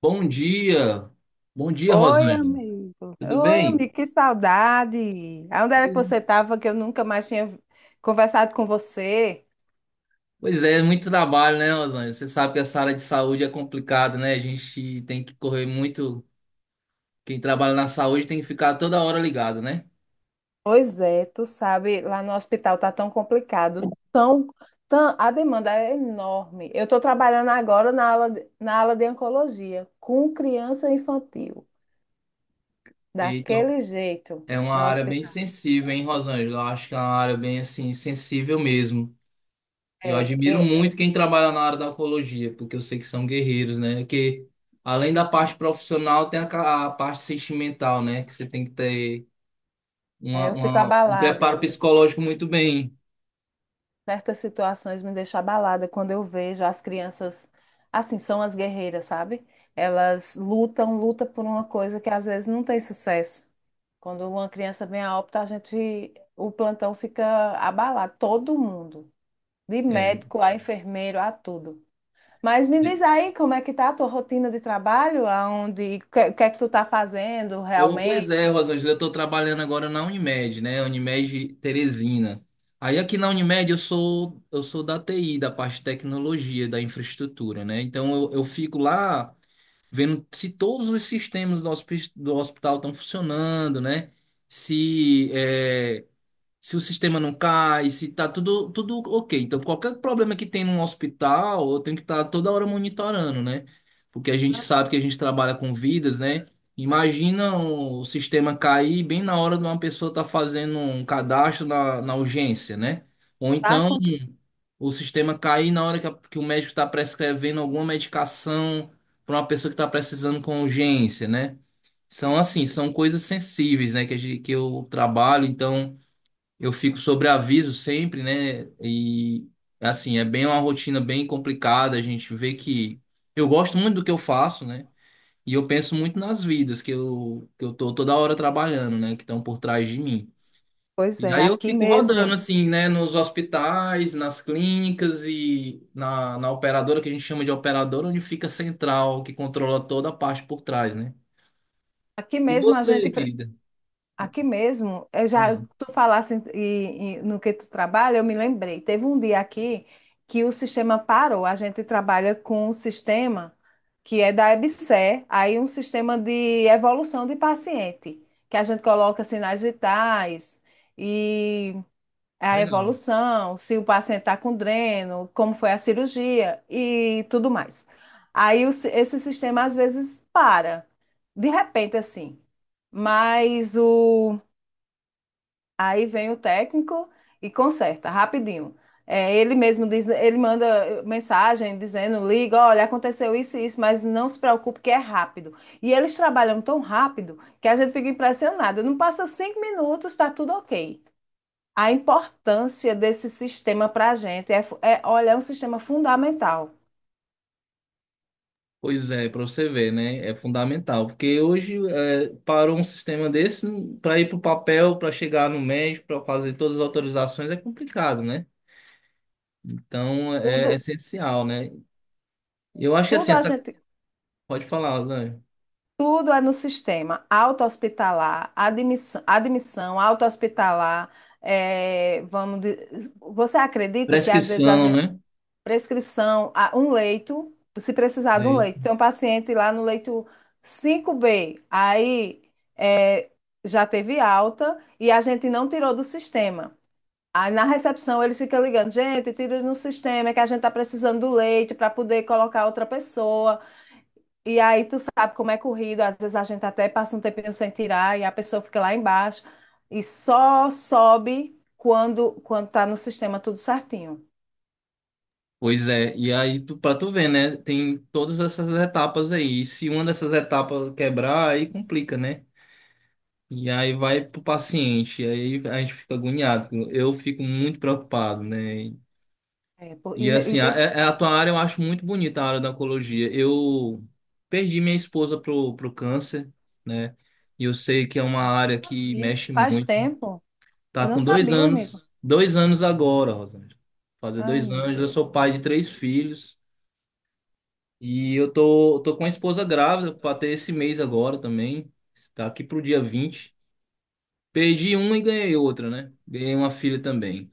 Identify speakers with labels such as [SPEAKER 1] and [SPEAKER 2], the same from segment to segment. [SPEAKER 1] Bom dia, bom dia,
[SPEAKER 2] Oi,
[SPEAKER 1] Rosângela.
[SPEAKER 2] amigo.
[SPEAKER 1] Tudo
[SPEAKER 2] Oi,
[SPEAKER 1] bem?
[SPEAKER 2] amigo, que saudade. Onde era que você estava que eu nunca mais tinha conversado com você?
[SPEAKER 1] Pois é, muito trabalho, né, Rosângela? Você sabe que essa área de saúde é complicada, né? A gente tem que correr muito. Quem trabalha na saúde tem que ficar toda hora ligado, né?
[SPEAKER 2] Pois é, tu sabe, lá no hospital tá tão complicado, a demanda é enorme. Eu estou trabalhando agora na ala de oncologia com criança infantil,
[SPEAKER 1] Então,
[SPEAKER 2] daquele jeito,
[SPEAKER 1] é uma
[SPEAKER 2] no
[SPEAKER 1] área bem
[SPEAKER 2] hospital.
[SPEAKER 1] sensível, hein, Rosângela? Eu acho que é uma área bem, assim, sensível mesmo. E eu
[SPEAKER 2] É,
[SPEAKER 1] admiro
[SPEAKER 2] eu,
[SPEAKER 1] muito quem trabalha na área da oncologia, porque eu sei que são guerreiros, né? Porque além da parte profissional, tem a parte sentimental, né? Que você tem que ter.
[SPEAKER 2] é, eu fico
[SPEAKER 1] Uma- um preparo
[SPEAKER 2] abalada.
[SPEAKER 1] psicológico muito bem.
[SPEAKER 2] Certas situações me deixam abalada quando eu vejo as crianças, assim, são as guerreiras, sabe? Elas lutam, lutam por uma coisa que às vezes não tem sucesso. Quando uma criança vem a óbito, o plantão fica abalado, todo mundo, de
[SPEAKER 1] É,
[SPEAKER 2] médico a enfermeiro, a tudo. Mas me
[SPEAKER 1] é.
[SPEAKER 2] diz aí como é que tá a tua rotina de trabalho, aonde, o que é que tu tá fazendo
[SPEAKER 1] Oh, pois é,
[SPEAKER 2] realmente?
[SPEAKER 1] Rosângela, eu estou trabalhando agora na Unimed, né? Unimed Teresina. Aí aqui na Unimed eu sou da TI, da parte de tecnologia, da infraestrutura, né? Então eu fico lá vendo se todos os sistemas do hospital estão funcionando, né? Se é, se o sistema não cai, se tá tudo ok. Então, qualquer problema que tem num hospital, eu tenho que estar toda hora monitorando, né? Porque a gente
[SPEAKER 2] Ah,
[SPEAKER 1] sabe que a gente trabalha com vidas, né? Imagina o sistema cair bem na hora de uma pessoa estar fazendo um cadastro na urgência, né? Ou
[SPEAKER 2] tá,
[SPEAKER 1] então o sistema cair na hora que o médico está prescrevendo alguma medicação para uma pessoa que está precisando com urgência, né? São assim, são coisas sensíveis, né? Que, a gente, que eu trabalho, então. Eu fico sobre aviso sempre, né? E assim, é bem uma rotina bem complicada. A gente vê que eu gosto muito do que eu faço, né? E eu penso muito nas vidas que eu tô toda hora trabalhando, né? Que estão por trás de mim.
[SPEAKER 2] pois
[SPEAKER 1] E
[SPEAKER 2] é,
[SPEAKER 1] aí eu
[SPEAKER 2] aqui
[SPEAKER 1] fico rodando,
[SPEAKER 2] mesmo.
[SPEAKER 1] assim, né? Nos hospitais, nas clínicas e na operadora, que a gente chama de operadora, onde fica a central, que controla toda a parte por trás, né?
[SPEAKER 2] Aqui
[SPEAKER 1] E
[SPEAKER 2] mesmo a
[SPEAKER 1] você,
[SPEAKER 2] gente.
[SPEAKER 1] querida?
[SPEAKER 2] Aqui mesmo, eu já
[SPEAKER 1] Ah,
[SPEAKER 2] tu falasse no que tu trabalha, eu me lembrei. Teve um dia aqui que o sistema parou. A gente trabalha com um sistema que é da EBSER, aí um sistema de evolução de paciente, que a gente coloca sinais vitais e a
[SPEAKER 1] legal.
[SPEAKER 2] evolução, se o paciente está com dreno, como foi a cirurgia e tudo mais. Aí esse sistema às vezes para, de repente assim. Mas o Aí vem o técnico e conserta rapidinho. É, ele mesmo diz, ele manda mensagem dizendo, liga, olha, aconteceu isso e isso, mas não se preocupe que é rápido. E eles trabalham tão rápido que a gente fica impressionada. Não passa 5 minutos, está tudo ok. A importância desse sistema para a gente é, olha, é um sistema fundamental.
[SPEAKER 1] Pois é, para você ver, né? É fundamental, porque hoje é, parou um sistema desse para ir para o papel, para chegar no médico, para fazer todas as autorizações é complicado, né? Então é, é
[SPEAKER 2] Tudo,
[SPEAKER 1] essencial, né? Eu acho que assim,
[SPEAKER 2] tudo a
[SPEAKER 1] essa
[SPEAKER 2] gente
[SPEAKER 1] pode falar, Lange.
[SPEAKER 2] Tudo é no sistema auto-hospitalar, admissão auto-hospitalar. eh, vamos, di- Você acredita que às vezes a
[SPEAKER 1] Prescrição,
[SPEAKER 2] gente,
[SPEAKER 1] né?
[SPEAKER 2] prescrição, a um leito, se precisar de um leito,
[SPEAKER 1] É.
[SPEAKER 2] tem um paciente lá no leito 5B, aí já teve alta e a gente não tirou do sistema. Aí na recepção eles ficam ligando, gente, tira no sistema, é que a gente está precisando do leito para poder colocar outra pessoa. E aí tu sabe como é corrido, às vezes a gente até passa um tempinho sem tirar e a pessoa fica lá embaixo e só sobe quando tá no sistema tudo certinho.
[SPEAKER 1] Pois é, e aí tu, para tu ver, né? Tem todas essas etapas aí. E se uma dessas etapas quebrar, aí complica, né? E aí vai pro paciente, aí a gente fica agoniado. Eu fico muito preocupado, né?
[SPEAKER 2] É, pô,
[SPEAKER 1] E
[SPEAKER 2] e
[SPEAKER 1] assim, é,
[SPEAKER 2] principalmente
[SPEAKER 1] a tua área eu acho muito bonita, a área da oncologia. Eu perdi minha esposa pro câncer, né? E eu sei que é uma
[SPEAKER 2] eu não
[SPEAKER 1] área que
[SPEAKER 2] sabia,
[SPEAKER 1] mexe
[SPEAKER 2] faz
[SPEAKER 1] muito.
[SPEAKER 2] tempo.
[SPEAKER 1] Tá
[SPEAKER 2] Eu não
[SPEAKER 1] com
[SPEAKER 2] sabia, amigo.
[SPEAKER 1] dois anos agora, Rosângela. Fazer
[SPEAKER 2] Ai,
[SPEAKER 1] dois
[SPEAKER 2] meu
[SPEAKER 1] anos, eu
[SPEAKER 2] Deus.
[SPEAKER 1] sou pai de três filhos. E eu tô com a esposa grávida para ter esse mês agora também. Tá aqui pro dia vinte. Perdi uma e ganhei outra, né? Ganhei uma filha também.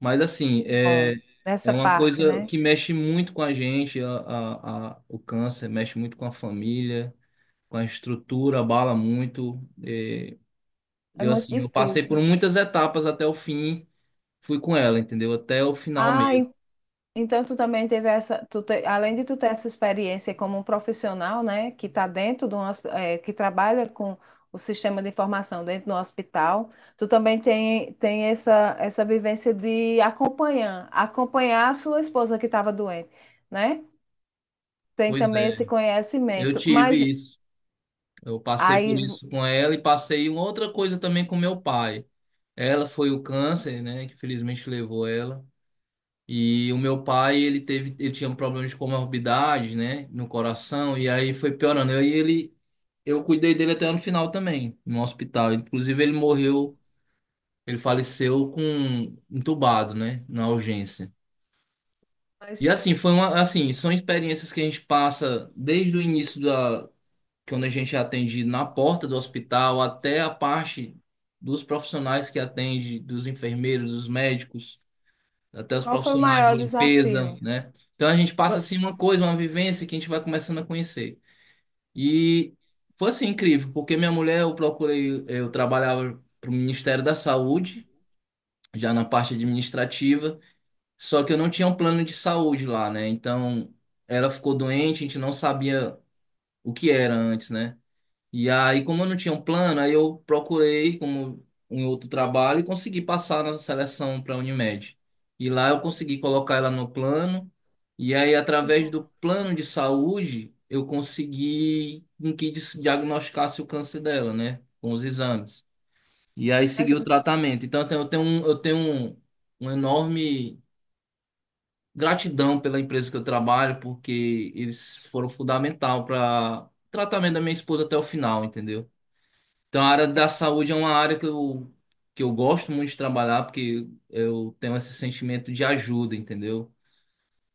[SPEAKER 1] Mas assim, é,
[SPEAKER 2] Bom,
[SPEAKER 1] é
[SPEAKER 2] nessa
[SPEAKER 1] uma
[SPEAKER 2] parte,
[SPEAKER 1] coisa
[SPEAKER 2] né?
[SPEAKER 1] que mexe muito com a gente, o câncer, mexe muito com a família, com a estrutura, abala muito. É,
[SPEAKER 2] É
[SPEAKER 1] eu
[SPEAKER 2] muito
[SPEAKER 1] assim, eu passei
[SPEAKER 2] difícil.
[SPEAKER 1] por muitas etapas até o fim, fui com ela, entendeu? Até o final
[SPEAKER 2] Ah,
[SPEAKER 1] mesmo.
[SPEAKER 2] então, tu também teve essa, além de tu ter essa experiência como um profissional, né, que está dentro de um, que trabalha com o sistema de informação dentro do hospital, tu também tem essa vivência de acompanhar a sua esposa que estava doente, né? Tem
[SPEAKER 1] Pois
[SPEAKER 2] também
[SPEAKER 1] é,
[SPEAKER 2] esse
[SPEAKER 1] eu
[SPEAKER 2] conhecimento.
[SPEAKER 1] tive isso. Eu passei por
[SPEAKER 2] Aí,
[SPEAKER 1] isso com ela e passei uma outra coisa também com meu pai. Ela foi o câncer, né, que felizmente levou ela. E o meu pai, ele teve, ele tinha problemas de comorbidades, né, no coração, e aí foi piorando. Eu, e ele, eu cuidei dele até no final também, no hospital. Inclusive, ele morreu, ele faleceu com um entubado, né, na urgência. E
[SPEAKER 2] mas
[SPEAKER 1] assim, foi uma, assim, são experiências que a gente passa desde o início da, quando a gente é atendido na porta do hospital até a parte dos profissionais que atende, dos enfermeiros, dos médicos, até os
[SPEAKER 2] qual foi o
[SPEAKER 1] profissionais de
[SPEAKER 2] maior
[SPEAKER 1] limpeza,
[SPEAKER 2] desafio?
[SPEAKER 1] né? Então a gente passa
[SPEAKER 2] Vo-
[SPEAKER 1] assim uma coisa, uma vivência que a gente vai começando a conhecer. E foi assim incrível, porque minha mulher eu procurei, eu trabalhava para o Ministério da Saúde, já na parte administrativa, só que eu não tinha um plano de saúde lá, né? Então ela ficou doente, a gente não sabia o que era antes, né? E aí, como eu não tinha um plano, aí eu procurei como um outro trabalho e consegui passar na seleção para a Unimed. E lá eu consegui colocar ela no plano. E aí, através do plano de saúde, eu consegui em que diagnosticasse o câncer dela, né? Com os exames. E aí segui
[SPEAKER 2] Mas
[SPEAKER 1] o tratamento. Então, assim, eu tenho um, uma enorme gratidão pela empresa que eu trabalho, porque eles foram fundamental para tratamento da minha esposa até o final, entendeu? Então, a área da saúde é uma área que eu gosto muito de trabalhar, porque eu tenho esse sentimento de ajuda, entendeu?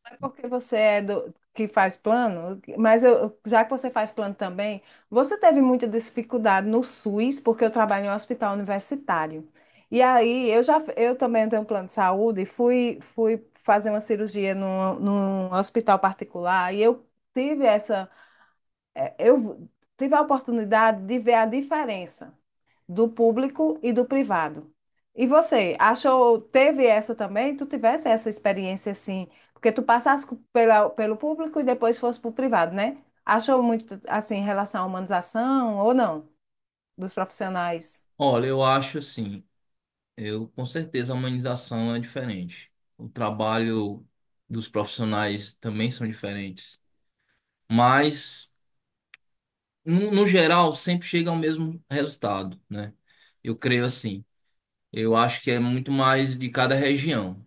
[SPEAKER 2] é porque você é do que faz plano, mas eu, já que você faz plano também, você teve muita dificuldade no SUS, porque eu trabalho em um hospital universitário. E aí eu também tenho um plano de saúde, fui fazer uma cirurgia num hospital particular e eu tive essa eh, eu tive a oportunidade de ver a diferença do público e do privado. E você, achou, teve essa também? Tu tivesse essa experiência assim, porque tu passasse pelo público e depois fosse para o privado, né? Achou muito assim em relação à humanização ou não dos profissionais?
[SPEAKER 1] Olha, eu acho assim, eu com certeza a humanização é diferente. O trabalho dos profissionais também são diferentes. Mas, no geral, sempre chega ao mesmo resultado, né? Eu creio assim. Eu acho que é muito mais de cada região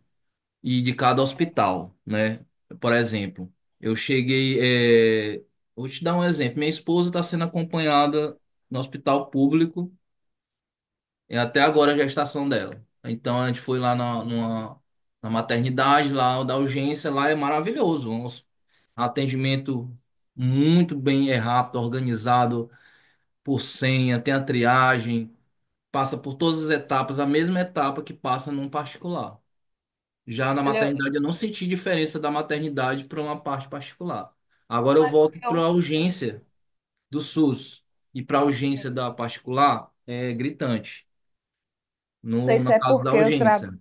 [SPEAKER 1] e de cada hospital, né? Por exemplo, eu cheguei, é, vou te dar um exemplo. Minha esposa está sendo acompanhada no hospital público e até agora a gestação dela. Então a gente foi lá na maternidade, lá da urgência, lá é maravilhoso. Um atendimento muito bem, é rápido, organizado por senha, tem a triagem, passa por todas as etapas, a mesma etapa que passa num particular. Já na
[SPEAKER 2] Olha,
[SPEAKER 1] maternidade, eu não senti diferença da maternidade para uma parte particular. Agora
[SPEAKER 2] não
[SPEAKER 1] eu
[SPEAKER 2] é porque
[SPEAKER 1] volto para
[SPEAKER 2] eu
[SPEAKER 1] a urgência do SUS e para a urgência da particular, é gritante.
[SPEAKER 2] não sei
[SPEAKER 1] No,
[SPEAKER 2] se
[SPEAKER 1] no
[SPEAKER 2] é
[SPEAKER 1] caso da
[SPEAKER 2] porque eu tra...
[SPEAKER 1] urgência.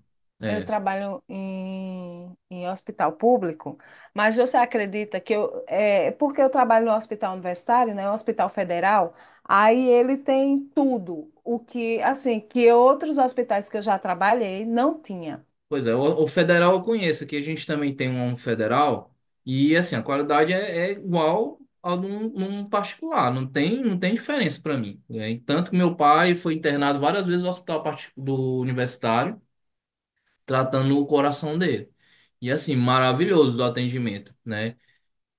[SPEAKER 2] Eu
[SPEAKER 1] É.
[SPEAKER 2] trabalho em hospital público, mas você acredita que porque eu trabalho no hospital universitário, né, um hospital federal, aí ele tem tudo, o que, assim, que outros hospitais que eu já trabalhei não tinha.
[SPEAKER 1] Pois é, o federal eu conheço, que a gente também tem um federal, e assim, a qualidade é, é igual a num particular, não tem, não tem diferença para mim. É, e tanto que meu pai foi internado várias vezes no hospital do universitário, tratando o coração dele. E assim, maravilhoso do atendimento, né?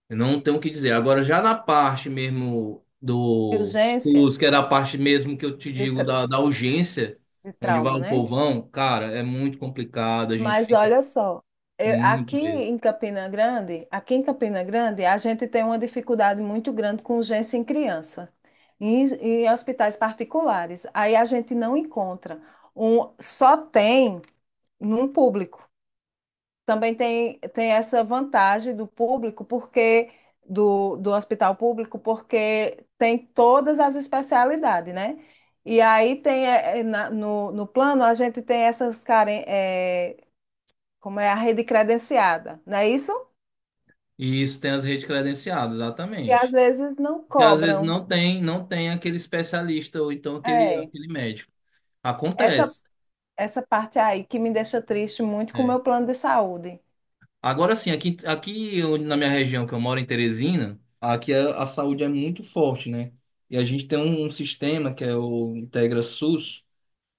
[SPEAKER 1] Eu não tenho o que dizer. Agora, já na parte mesmo do
[SPEAKER 2] Urgência
[SPEAKER 1] SUS, que era a parte mesmo que eu te
[SPEAKER 2] de,
[SPEAKER 1] digo
[SPEAKER 2] tra-
[SPEAKER 1] da urgência,
[SPEAKER 2] de
[SPEAKER 1] onde vai
[SPEAKER 2] trauma,
[SPEAKER 1] o
[SPEAKER 2] né?
[SPEAKER 1] povão, cara, é muito complicado, a gente
[SPEAKER 2] Mas
[SPEAKER 1] fica
[SPEAKER 2] olha só,
[SPEAKER 1] muito.
[SPEAKER 2] aqui em Campina Grande, a gente tem uma dificuldade muito grande com urgência em criança, em hospitais particulares. Aí a gente não encontra. Um, só tem num público. Também tem essa vantagem do público, porque do hospital público, porque tem todas as especialidades, né? E aí tem no plano a gente tem essas carências como é a rede credenciada, não é isso?
[SPEAKER 1] E isso tem as redes credenciadas,
[SPEAKER 2] E às
[SPEAKER 1] exatamente.
[SPEAKER 2] vezes não
[SPEAKER 1] Que às vezes
[SPEAKER 2] cobram.
[SPEAKER 1] não tem, não tem aquele especialista ou então aquele,
[SPEAKER 2] É,
[SPEAKER 1] aquele médico.
[SPEAKER 2] essa,
[SPEAKER 1] Acontece,
[SPEAKER 2] essa parte aí que me deixa triste muito com o
[SPEAKER 1] né?
[SPEAKER 2] meu plano de saúde.
[SPEAKER 1] Agora sim, aqui, na minha região que eu moro, em Teresina, aqui a saúde é muito forte, né? E a gente tem um sistema que é o Integra SUS,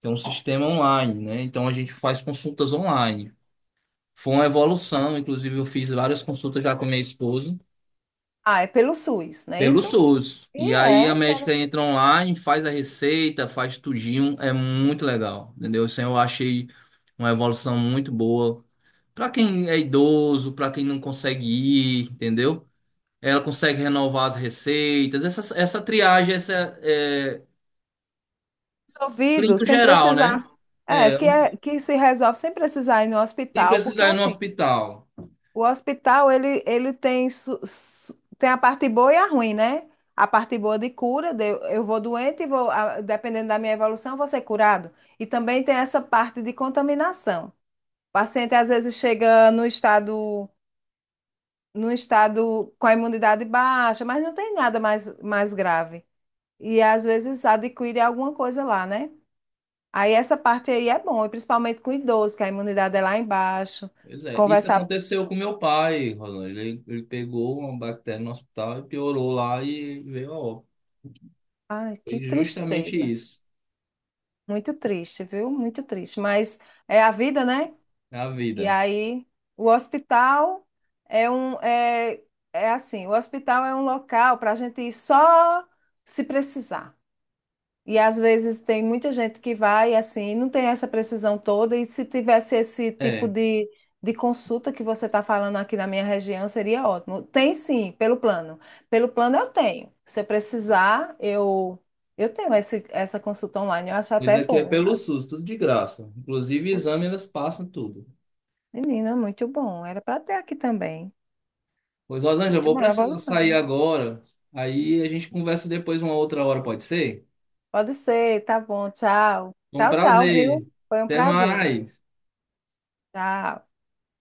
[SPEAKER 1] que é um sistema online, né? Então a gente faz consultas online. Foi uma evolução, inclusive eu fiz várias consultas já com minha esposa
[SPEAKER 2] Ah, é pelo SUS, não é
[SPEAKER 1] pelo
[SPEAKER 2] isso?
[SPEAKER 1] SUS.
[SPEAKER 2] E
[SPEAKER 1] E aí a
[SPEAKER 2] é, ter-
[SPEAKER 1] médica entra online, faz a receita, faz tudinho, é muito legal, entendeu? Isso eu achei uma evolução muito boa. Pra quem é idoso, pra quem não consegue ir, entendeu? Ela consegue renovar as receitas, essa triagem, essa é,
[SPEAKER 2] Resolvido
[SPEAKER 1] clínico
[SPEAKER 2] sem
[SPEAKER 1] geral, né?
[SPEAKER 2] precisar. É,
[SPEAKER 1] É,
[SPEAKER 2] que se resolve sem precisar ir no
[SPEAKER 1] sem
[SPEAKER 2] hospital, porque
[SPEAKER 1] precisar ir no
[SPEAKER 2] assim,
[SPEAKER 1] hospital.
[SPEAKER 2] O hospital, ele tem a parte boa e a ruim, né? A parte boa de cura, eu vou doente e dependendo da minha evolução, eu vou ser curado. E também tem essa parte de contaminação. O paciente às vezes chega no estado com a imunidade baixa, mas não tem nada mais grave. E às vezes adquire alguma coisa lá, né? Aí essa parte aí é bom, e principalmente com idoso, que a imunidade é lá embaixo.
[SPEAKER 1] Pois é, isso
[SPEAKER 2] Conversar.
[SPEAKER 1] aconteceu com meu pai, Rolando. Ele pegou uma bactéria no hospital e piorou lá e veio a óbito.
[SPEAKER 2] Ai, que
[SPEAKER 1] Foi justamente
[SPEAKER 2] tristeza.
[SPEAKER 1] isso,
[SPEAKER 2] Muito triste, viu? Muito triste. Mas é a vida, né?
[SPEAKER 1] é a
[SPEAKER 2] E
[SPEAKER 1] vida.
[SPEAKER 2] aí, o hospital é um. É assim: o hospital é um local para a gente ir só se precisar. E às vezes tem muita gente que vai assim, não tem essa precisão toda. E se tivesse esse tipo
[SPEAKER 1] É,
[SPEAKER 2] de consulta que você está falando aqui na minha região, seria ótimo. Tem sim, pelo plano. Pelo plano eu tenho. Se eu precisar, eu tenho essa consulta online. Eu acho
[SPEAKER 1] pois
[SPEAKER 2] até
[SPEAKER 1] aqui é
[SPEAKER 2] bom.
[SPEAKER 1] pelo SUS, tudo de graça. Inclusive exame, elas passam tudo.
[SPEAKER 2] Menina, muito bom. Era para ter aqui também.
[SPEAKER 1] Pois, Rosângela, eu
[SPEAKER 2] Muito
[SPEAKER 1] vou
[SPEAKER 2] bom, é
[SPEAKER 1] precisar sair
[SPEAKER 2] evolução.
[SPEAKER 1] agora. Aí a gente conversa depois uma outra hora, pode ser?
[SPEAKER 2] Pode ser, tá bom. Tchau.
[SPEAKER 1] Um
[SPEAKER 2] Tchau, tchau, viu?
[SPEAKER 1] prazer.
[SPEAKER 2] Foi um
[SPEAKER 1] Até
[SPEAKER 2] prazer.
[SPEAKER 1] mais.
[SPEAKER 2] Tchau.